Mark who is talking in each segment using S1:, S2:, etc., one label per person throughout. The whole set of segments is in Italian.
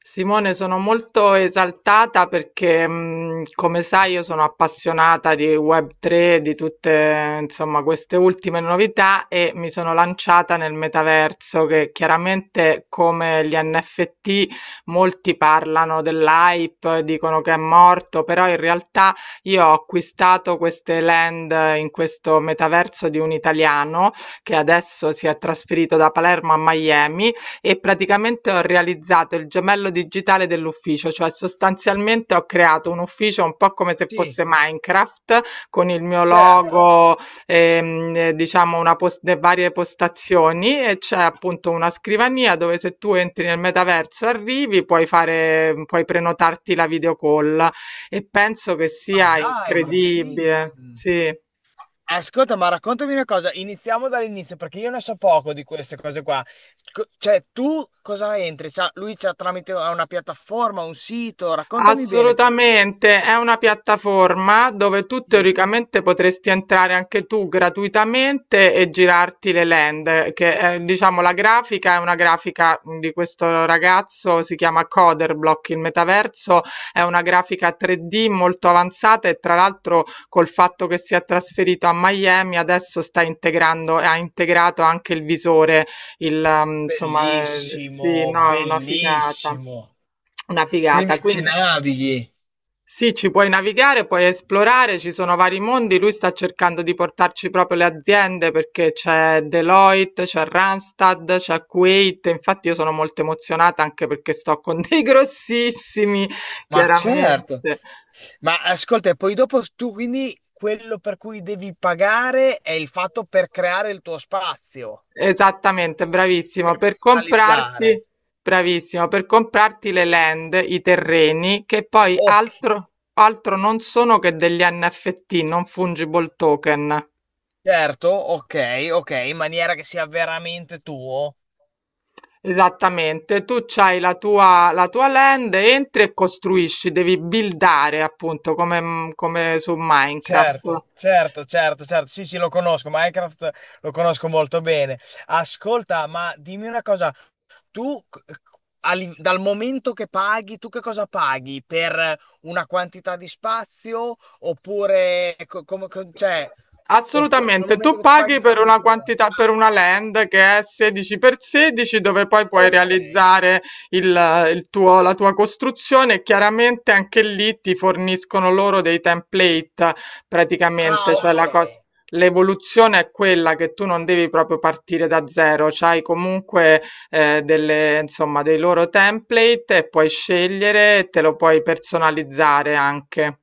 S1: Simone, sono molto esaltata perché, come sai, io sono appassionata di Web3, di tutte, insomma, queste ultime novità e mi sono lanciata nel metaverso che chiaramente come gli NFT molti parlano dell'hype, dicono che è morto, però in realtà io ho acquistato queste land in questo metaverso di un italiano che adesso si è trasferito da Palermo a Miami e praticamente ho realizzato il gemello digitale dell'ufficio, cioè sostanzialmente ho creato un ufficio un po' come se
S2: Sì,
S1: fosse Minecraft con il mio
S2: certo.
S1: logo, diciamo le varie postazioni e c'è appunto una scrivania dove se tu entri nel metaverso e arrivi puoi fare, puoi prenotarti la video call e penso che
S2: Ma
S1: sia
S2: dai, ma
S1: incredibile.
S2: bellissimo.
S1: Sì.
S2: Ascolta, ma raccontami una cosa, iniziamo dall'inizio perché io ne so poco di queste cose qua. Cioè, tu cosa entri? Lui c'ha tramite una piattaforma, un sito, raccontami bene.
S1: Assolutamente, è una piattaforma dove tu
S2: Sì.
S1: teoricamente potresti entrare anche tu gratuitamente e girarti le land, che è, diciamo la grafica è una grafica di questo ragazzo, si chiama Coderblock, il metaverso è una grafica 3D molto avanzata e tra l'altro col fatto che si è trasferito a Miami adesso sta integrando e ha integrato anche il visore, insomma, sì,
S2: Bellissimo,
S1: no, è una figata.
S2: bellissimo.
S1: Una figata,
S2: Quindi ci
S1: quindi
S2: navighi.
S1: sì, ci puoi navigare, puoi esplorare, ci sono vari mondi. Lui sta cercando di portarci proprio le aziende perché c'è Deloitte, c'è Randstad, c'è Kuwait. Infatti io sono molto emozionata anche perché sto con dei grossissimi,
S2: Ma
S1: chiaramente.
S2: certo. Ma ascolta, e poi dopo tu quindi quello per cui devi pagare è il fatto per creare il tuo spazio.
S1: Esattamente, bravissimo.
S2: Per
S1: Per
S2: personalizzare.
S1: comprarti, bravissimo, per comprarti le land, i terreni, che poi
S2: Ok,
S1: altro non sono che degli NFT, non fungible token.
S2: certo, ok, ok, in maniera che sia veramente tuo.
S1: Esattamente, tu c'hai la tua land, entri e costruisci, devi buildare appunto come, su Minecraft.
S2: Certo, certo, certo, certo. Sì, sì, lo conosco, Minecraft lo conosco molto bene. Ascolta, ma dimmi una cosa, tu c- c- a li- dal momento che paghi, tu che cosa paghi? Per una quantità di spazio oppure cioè, dal
S1: Assolutamente,
S2: momento
S1: tu
S2: che tu paghi
S1: paghi
S2: fai
S1: per
S2: quello
S1: una
S2: che vuoi?
S1: quantità, per
S2: Ah,
S1: una land che è 16 per 16 dove poi puoi
S2: ok.
S1: realizzare il, il tuo, la tua costruzione e chiaramente anche lì ti forniscono loro dei template praticamente,
S2: Ah,
S1: cioè
S2: ok.
S1: la cosa. L'evoluzione è quella che tu non devi proprio partire da zero, c'hai comunque delle, insomma, dei loro template e puoi scegliere e te lo puoi personalizzare anche.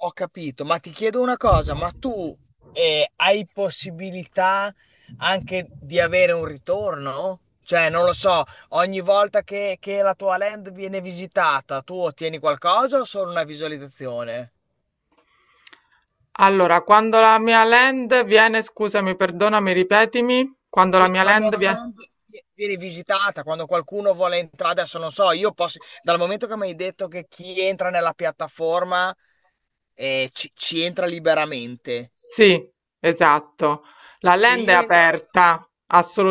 S2: Ho capito, ma ti chiedo una cosa, ma tu hai possibilità anche di avere un ritorno? Cioè, non lo so, ogni volta che la tua land viene visitata, tu ottieni qualcosa o solo una visualizzazione?
S1: Allora, quando la mia land viene, scusami, perdonami, ripetimi, quando la mia
S2: Quando la
S1: land
S2: tua
S1: viene.
S2: land viene visitata, quando qualcuno vuole entrare, adesso non so, io posso, dal momento che mi hai detto che chi entra nella piattaforma ci entra liberamente,
S1: Sì, esatto. La
S2: se
S1: land è
S2: io entro.
S1: aperta,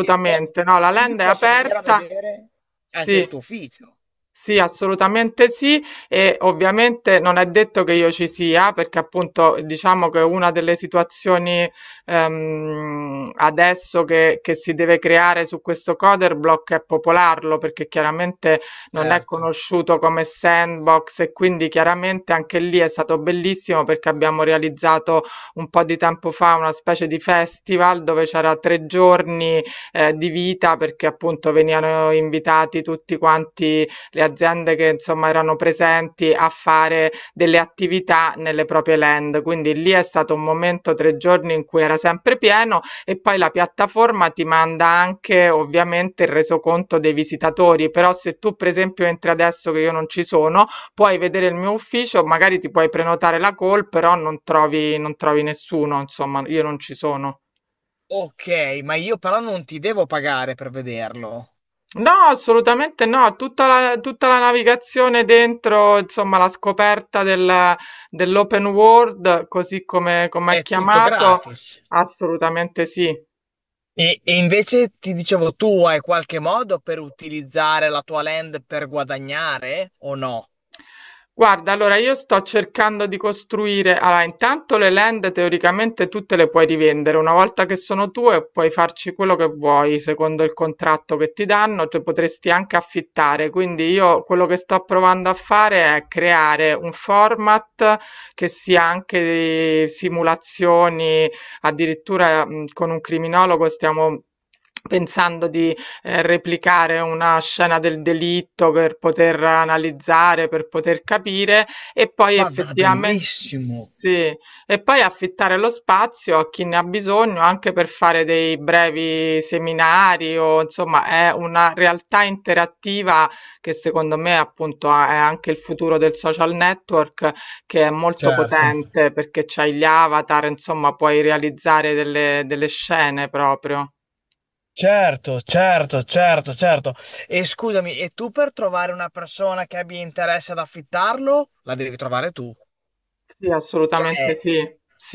S2: E po-
S1: No, la
S2: quindi
S1: land è
S2: posso venire a
S1: aperta.
S2: vedere anche
S1: Sì.
S2: il tuo ufficio.
S1: Sì, assolutamente sì, e ovviamente non è detto che io ci sia, perché appunto diciamo che una delle situazioni adesso che si deve creare su questo Coderblock è popolarlo, perché chiaramente non è
S2: Certo.
S1: conosciuto come sandbox e quindi chiaramente anche lì è stato bellissimo perché abbiamo realizzato un po' di tempo fa una specie di festival dove c'era 3 giorni, di vita perché appunto venivano invitati tutti quanti le aziende che insomma erano presenti a fare delle attività nelle proprie land. Quindi lì è stato un momento 3 giorni in cui era sempre pieno e poi la piattaforma ti manda anche ovviamente il resoconto dei visitatori, però se tu per esempio entri adesso che io non ci sono, puoi vedere il mio ufficio, magari ti puoi prenotare la call, però non trovi nessuno, insomma, io non ci sono.
S2: Ok, ma io però non ti devo pagare per vederlo.
S1: No, assolutamente no, tutta la navigazione dentro, insomma, la scoperta dell'open world, così come, come è
S2: È tutto
S1: chiamato,
S2: gratis.
S1: assolutamente sì.
S2: E invece ti dicevo, tu hai qualche modo per utilizzare la tua land per guadagnare o no?
S1: Guarda, allora io sto cercando di costruire, allora intanto le land teoricamente tutte le puoi rivendere, una volta che sono tue puoi farci quello che vuoi, secondo il contratto che ti danno, tu potresti anche affittare, quindi io quello che sto provando a fare è creare un format che sia anche di simulazioni, addirittura con un criminologo stiamo pensando di replicare una scena del delitto per poter analizzare, per poter capire e poi
S2: Ma da
S1: effettivamente
S2: bellissimo.
S1: sì, e poi affittare lo spazio a chi ne ha bisogno anche per fare dei brevi seminari o insomma è una realtà interattiva che secondo me appunto è anche il futuro del social network che è molto
S2: Certo.
S1: potente perché c'hai gli avatar, insomma puoi realizzare delle scene proprio.
S2: Certo, certo, certo, certo. E scusami, e tu per trovare una persona che abbia interesse ad affittarlo, la devi trovare tu.
S1: Sì, assolutamente
S2: Cioè,
S1: sì.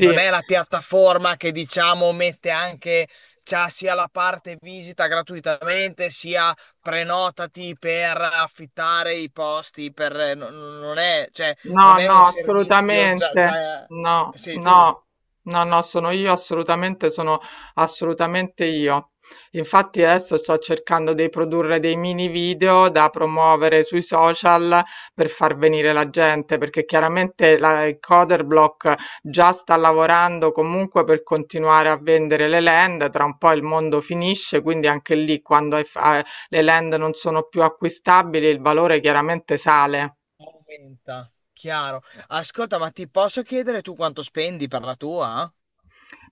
S2: non è la piattaforma che diciamo mette anche, c'ha sia la parte visita gratuitamente, sia prenotati per affittare i posti, per, non è, cioè,
S1: No,
S2: non è un
S1: no,
S2: servizio già,
S1: assolutamente.
S2: già
S1: No,
S2: sei tu,
S1: no, no, no, sono io, assolutamente, sono assolutamente io. Infatti adesso sto cercando di produrre dei mini video da promuovere sui social per far venire la gente, perché chiaramente il Coderblock già sta lavorando comunque per continuare a vendere le land, tra un po' il mondo finisce, quindi anche lì quando le land non sono più acquistabili il valore chiaramente sale.
S2: aumenta, chiaro. Ascolta, ma ti posso chiedere tu quanto spendi per la tua?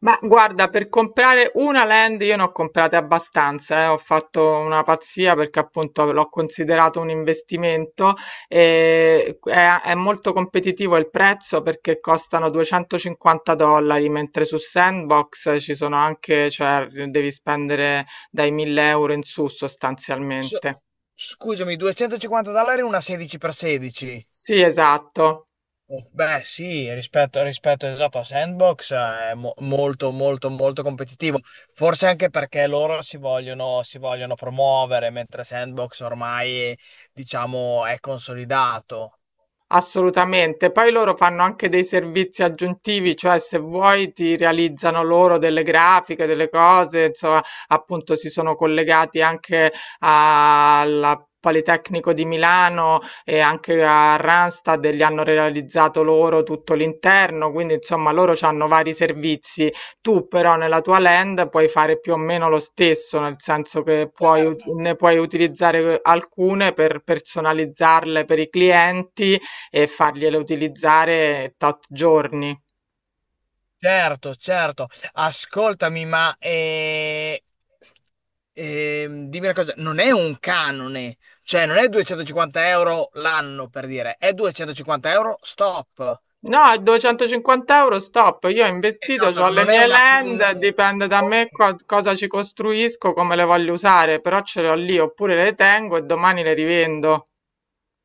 S1: Ma guarda, per comprare una land io ne ho comprate abbastanza, ho fatto una pazzia perché appunto l'ho considerato un investimento e è molto competitivo il prezzo perché costano 250 dollari, mentre su Sandbox ci sono anche, cioè devi spendere dai 1000 € in su
S2: S-
S1: sostanzialmente.
S2: Scusami, 250 dollari una 16x16.
S1: Sì, esatto.
S2: Beh, sì, rispetto esatto a Sandbox, è molto, molto, molto competitivo. Forse anche perché loro si vogliono promuovere, mentre Sandbox ormai, diciamo, è consolidato.
S1: Assolutamente, poi loro fanno anche dei servizi aggiuntivi, cioè se vuoi ti realizzano loro delle grafiche, delle cose, insomma, appunto si sono collegati anche al Politecnico di Milano e anche a Randstad e gli hanno realizzato loro tutto l'interno, quindi insomma loro hanno vari servizi. Tu però nella tua land puoi fare più o meno lo stesso, nel senso che puoi, ne puoi utilizzare alcune per personalizzarle per i clienti e fargliela utilizzare tot giorni.
S2: Certo, certo. Ascoltami, ma dimmi una cosa, non è un canone, cioè non è 250 € l'anno per dire, è 250 € stop.
S1: No, 250 € stop, io ho investito, ho
S2: Esatto,
S1: le
S2: non è
S1: mie
S2: una. Un.
S1: land, dipende da me
S2: Ok.
S1: cosa ci costruisco, come le voglio usare, però ce le ho lì, oppure le tengo e domani le rivendo.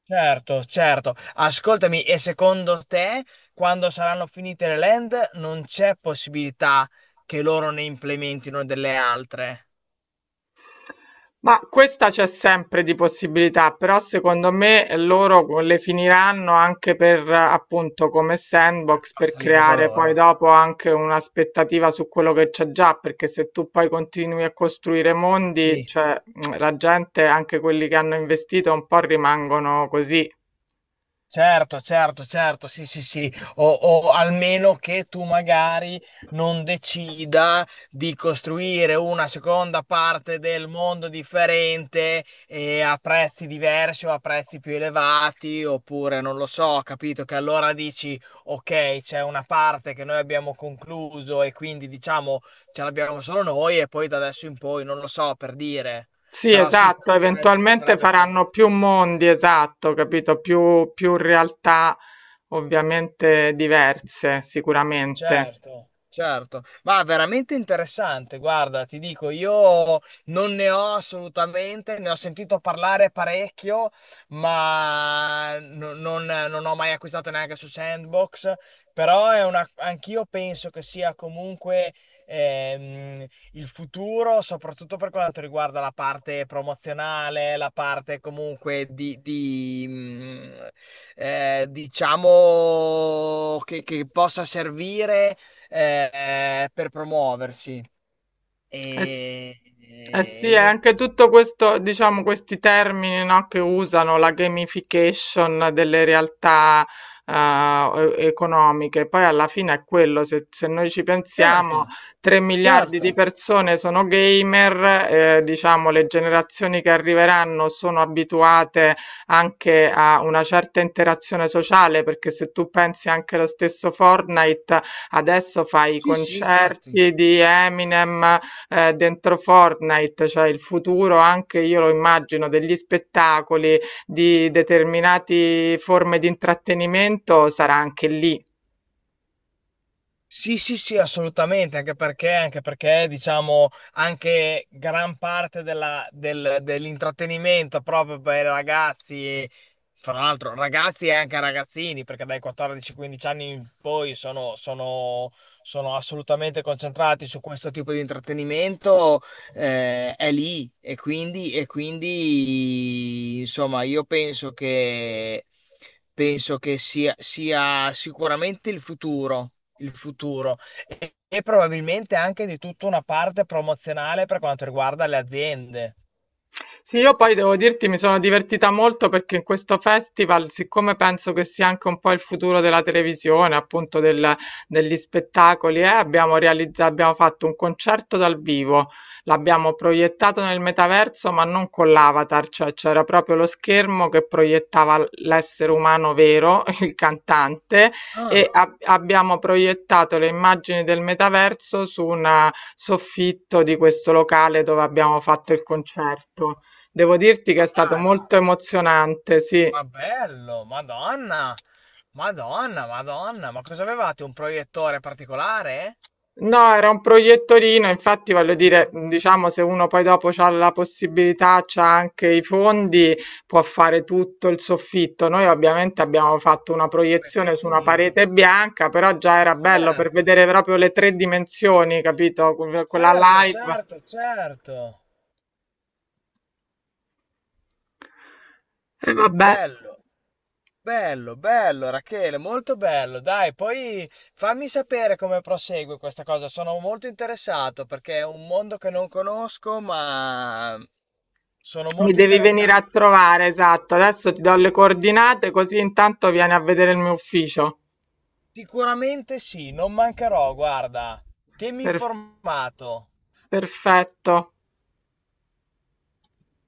S2: Certo, certo. Ascoltami, e secondo te, quando saranno finite le land, non c'è possibilità che loro ne implementino delle altre
S1: Ma questa c'è sempre di possibilità, però secondo me loro le finiranno anche per appunto come
S2: per
S1: sandbox
S2: far
S1: per
S2: salire il
S1: creare poi
S2: valore?
S1: dopo anche un'aspettativa su quello che c'è già, perché se tu poi continui a costruire mondi,
S2: Sì.
S1: cioè la gente, anche quelli che hanno investito, un po' rimangono così.
S2: Certo, certo, certo, sì, sì, sì, o almeno che tu magari non decida di costruire una seconda parte del mondo differente e a prezzi diversi o a prezzi più elevati, oppure non lo so, capito? Che allora dici, ok, c'è una parte che noi abbiamo concluso e quindi diciamo ce l'abbiamo solo noi e poi da adesso in poi, non lo so, per dire,
S1: Sì,
S2: però sì,
S1: esatto,
S2: sarebbe,
S1: eventualmente
S2: sarebbe forse.
S1: faranno più mondi, esatto, capito? Più realtà ovviamente diverse, sicuramente.
S2: Certo, certo, ma veramente interessante, guarda, ti dico, io non ne ho assolutamente, ne ho sentito parlare parecchio, ma non ho mai acquistato neanche su Sandbox, però è una, anch'io penso che sia comunque ehm, il futuro, soprattutto per quanto riguarda la parte promozionale, la parte comunque diciamo che possa servire per promuoversi.
S1: Eh s-
S2: E,
S1: eh sì,
S2: e
S1: è
S2: niente.
S1: anche tutto questo, diciamo, questi termini, no, che usano la gamification delle realtà eh, economiche. Poi alla fine è quello, se noi ci pensiamo,
S2: Certo,
S1: 3 miliardi
S2: certo.
S1: di persone sono gamer, diciamo, le generazioni che arriveranno sono abituate anche a una certa interazione sociale, perché se tu pensi anche allo stesso Fortnite, adesso fai i
S2: Sì, sì, infatti.
S1: concerti di Eminem dentro Fortnite, cioè il futuro anche io lo immagino degli spettacoli, di determinate forme di intrattenimento sarà anche lì.
S2: Sì, sì, sì, assolutamente, anche perché, diciamo, anche gran parte dell'intrattenimento proprio per i ragazzi, fra l'altro ragazzi e anche ragazzini, perché dai 14-15 anni in poi sono assolutamente concentrati su questo tipo di intrattenimento, è lì e quindi, insomma, io penso che sia sicuramente il futuro e probabilmente anche di tutta una parte promozionale per quanto riguarda le aziende.
S1: Sì, io poi devo dirti, mi sono divertita molto perché in questo festival, siccome penso che sia anche un po' il futuro della televisione, appunto degli spettacoli, abbiamo fatto un concerto dal vivo, l'abbiamo proiettato nel metaverso, ma non con l'avatar, cioè c'era proprio lo schermo che proiettava l'essere umano vero, il cantante, e
S2: Ah,
S1: abbiamo proiettato le immagini del metaverso su un soffitto di questo locale dove abbiamo fatto il concerto. Devo dirti che
S2: ma
S1: è stato
S2: dai, ma,
S1: molto emozionante, sì.
S2: ma bello, Madonna, Madonna, Madonna, ma cosa avevate? Un proiettore particolare?
S1: No, era un proiettorino, infatti voglio
S2: Non
S1: dire,
S2: lo so.
S1: diciamo, se uno poi dopo ha la possibilità, c'ha anche i fondi, può fare tutto il soffitto. Noi ovviamente abbiamo fatto una
S2: Un
S1: proiezione su una
S2: pezzettino.
S1: parete bianca, però già era bello per
S2: Certo,
S1: vedere proprio le tre dimensioni, capito? Quella
S2: certo,
S1: live.
S2: certo, certo.
S1: E vabbè,
S2: Bello. Bello, bello Rachele, molto bello. Dai, poi fammi sapere come prosegue questa cosa. Sono molto interessato perché è un mondo che non conosco, ma sono
S1: mi
S2: molto
S1: devi
S2: interessato.
S1: venire a trovare, esatto. Adesso ti do le coordinate, così intanto vieni a vedere il mio ufficio.
S2: Sicuramente sì, non mancherò, guarda. Tienimi
S1: Per-
S2: informato.
S1: Perfetto.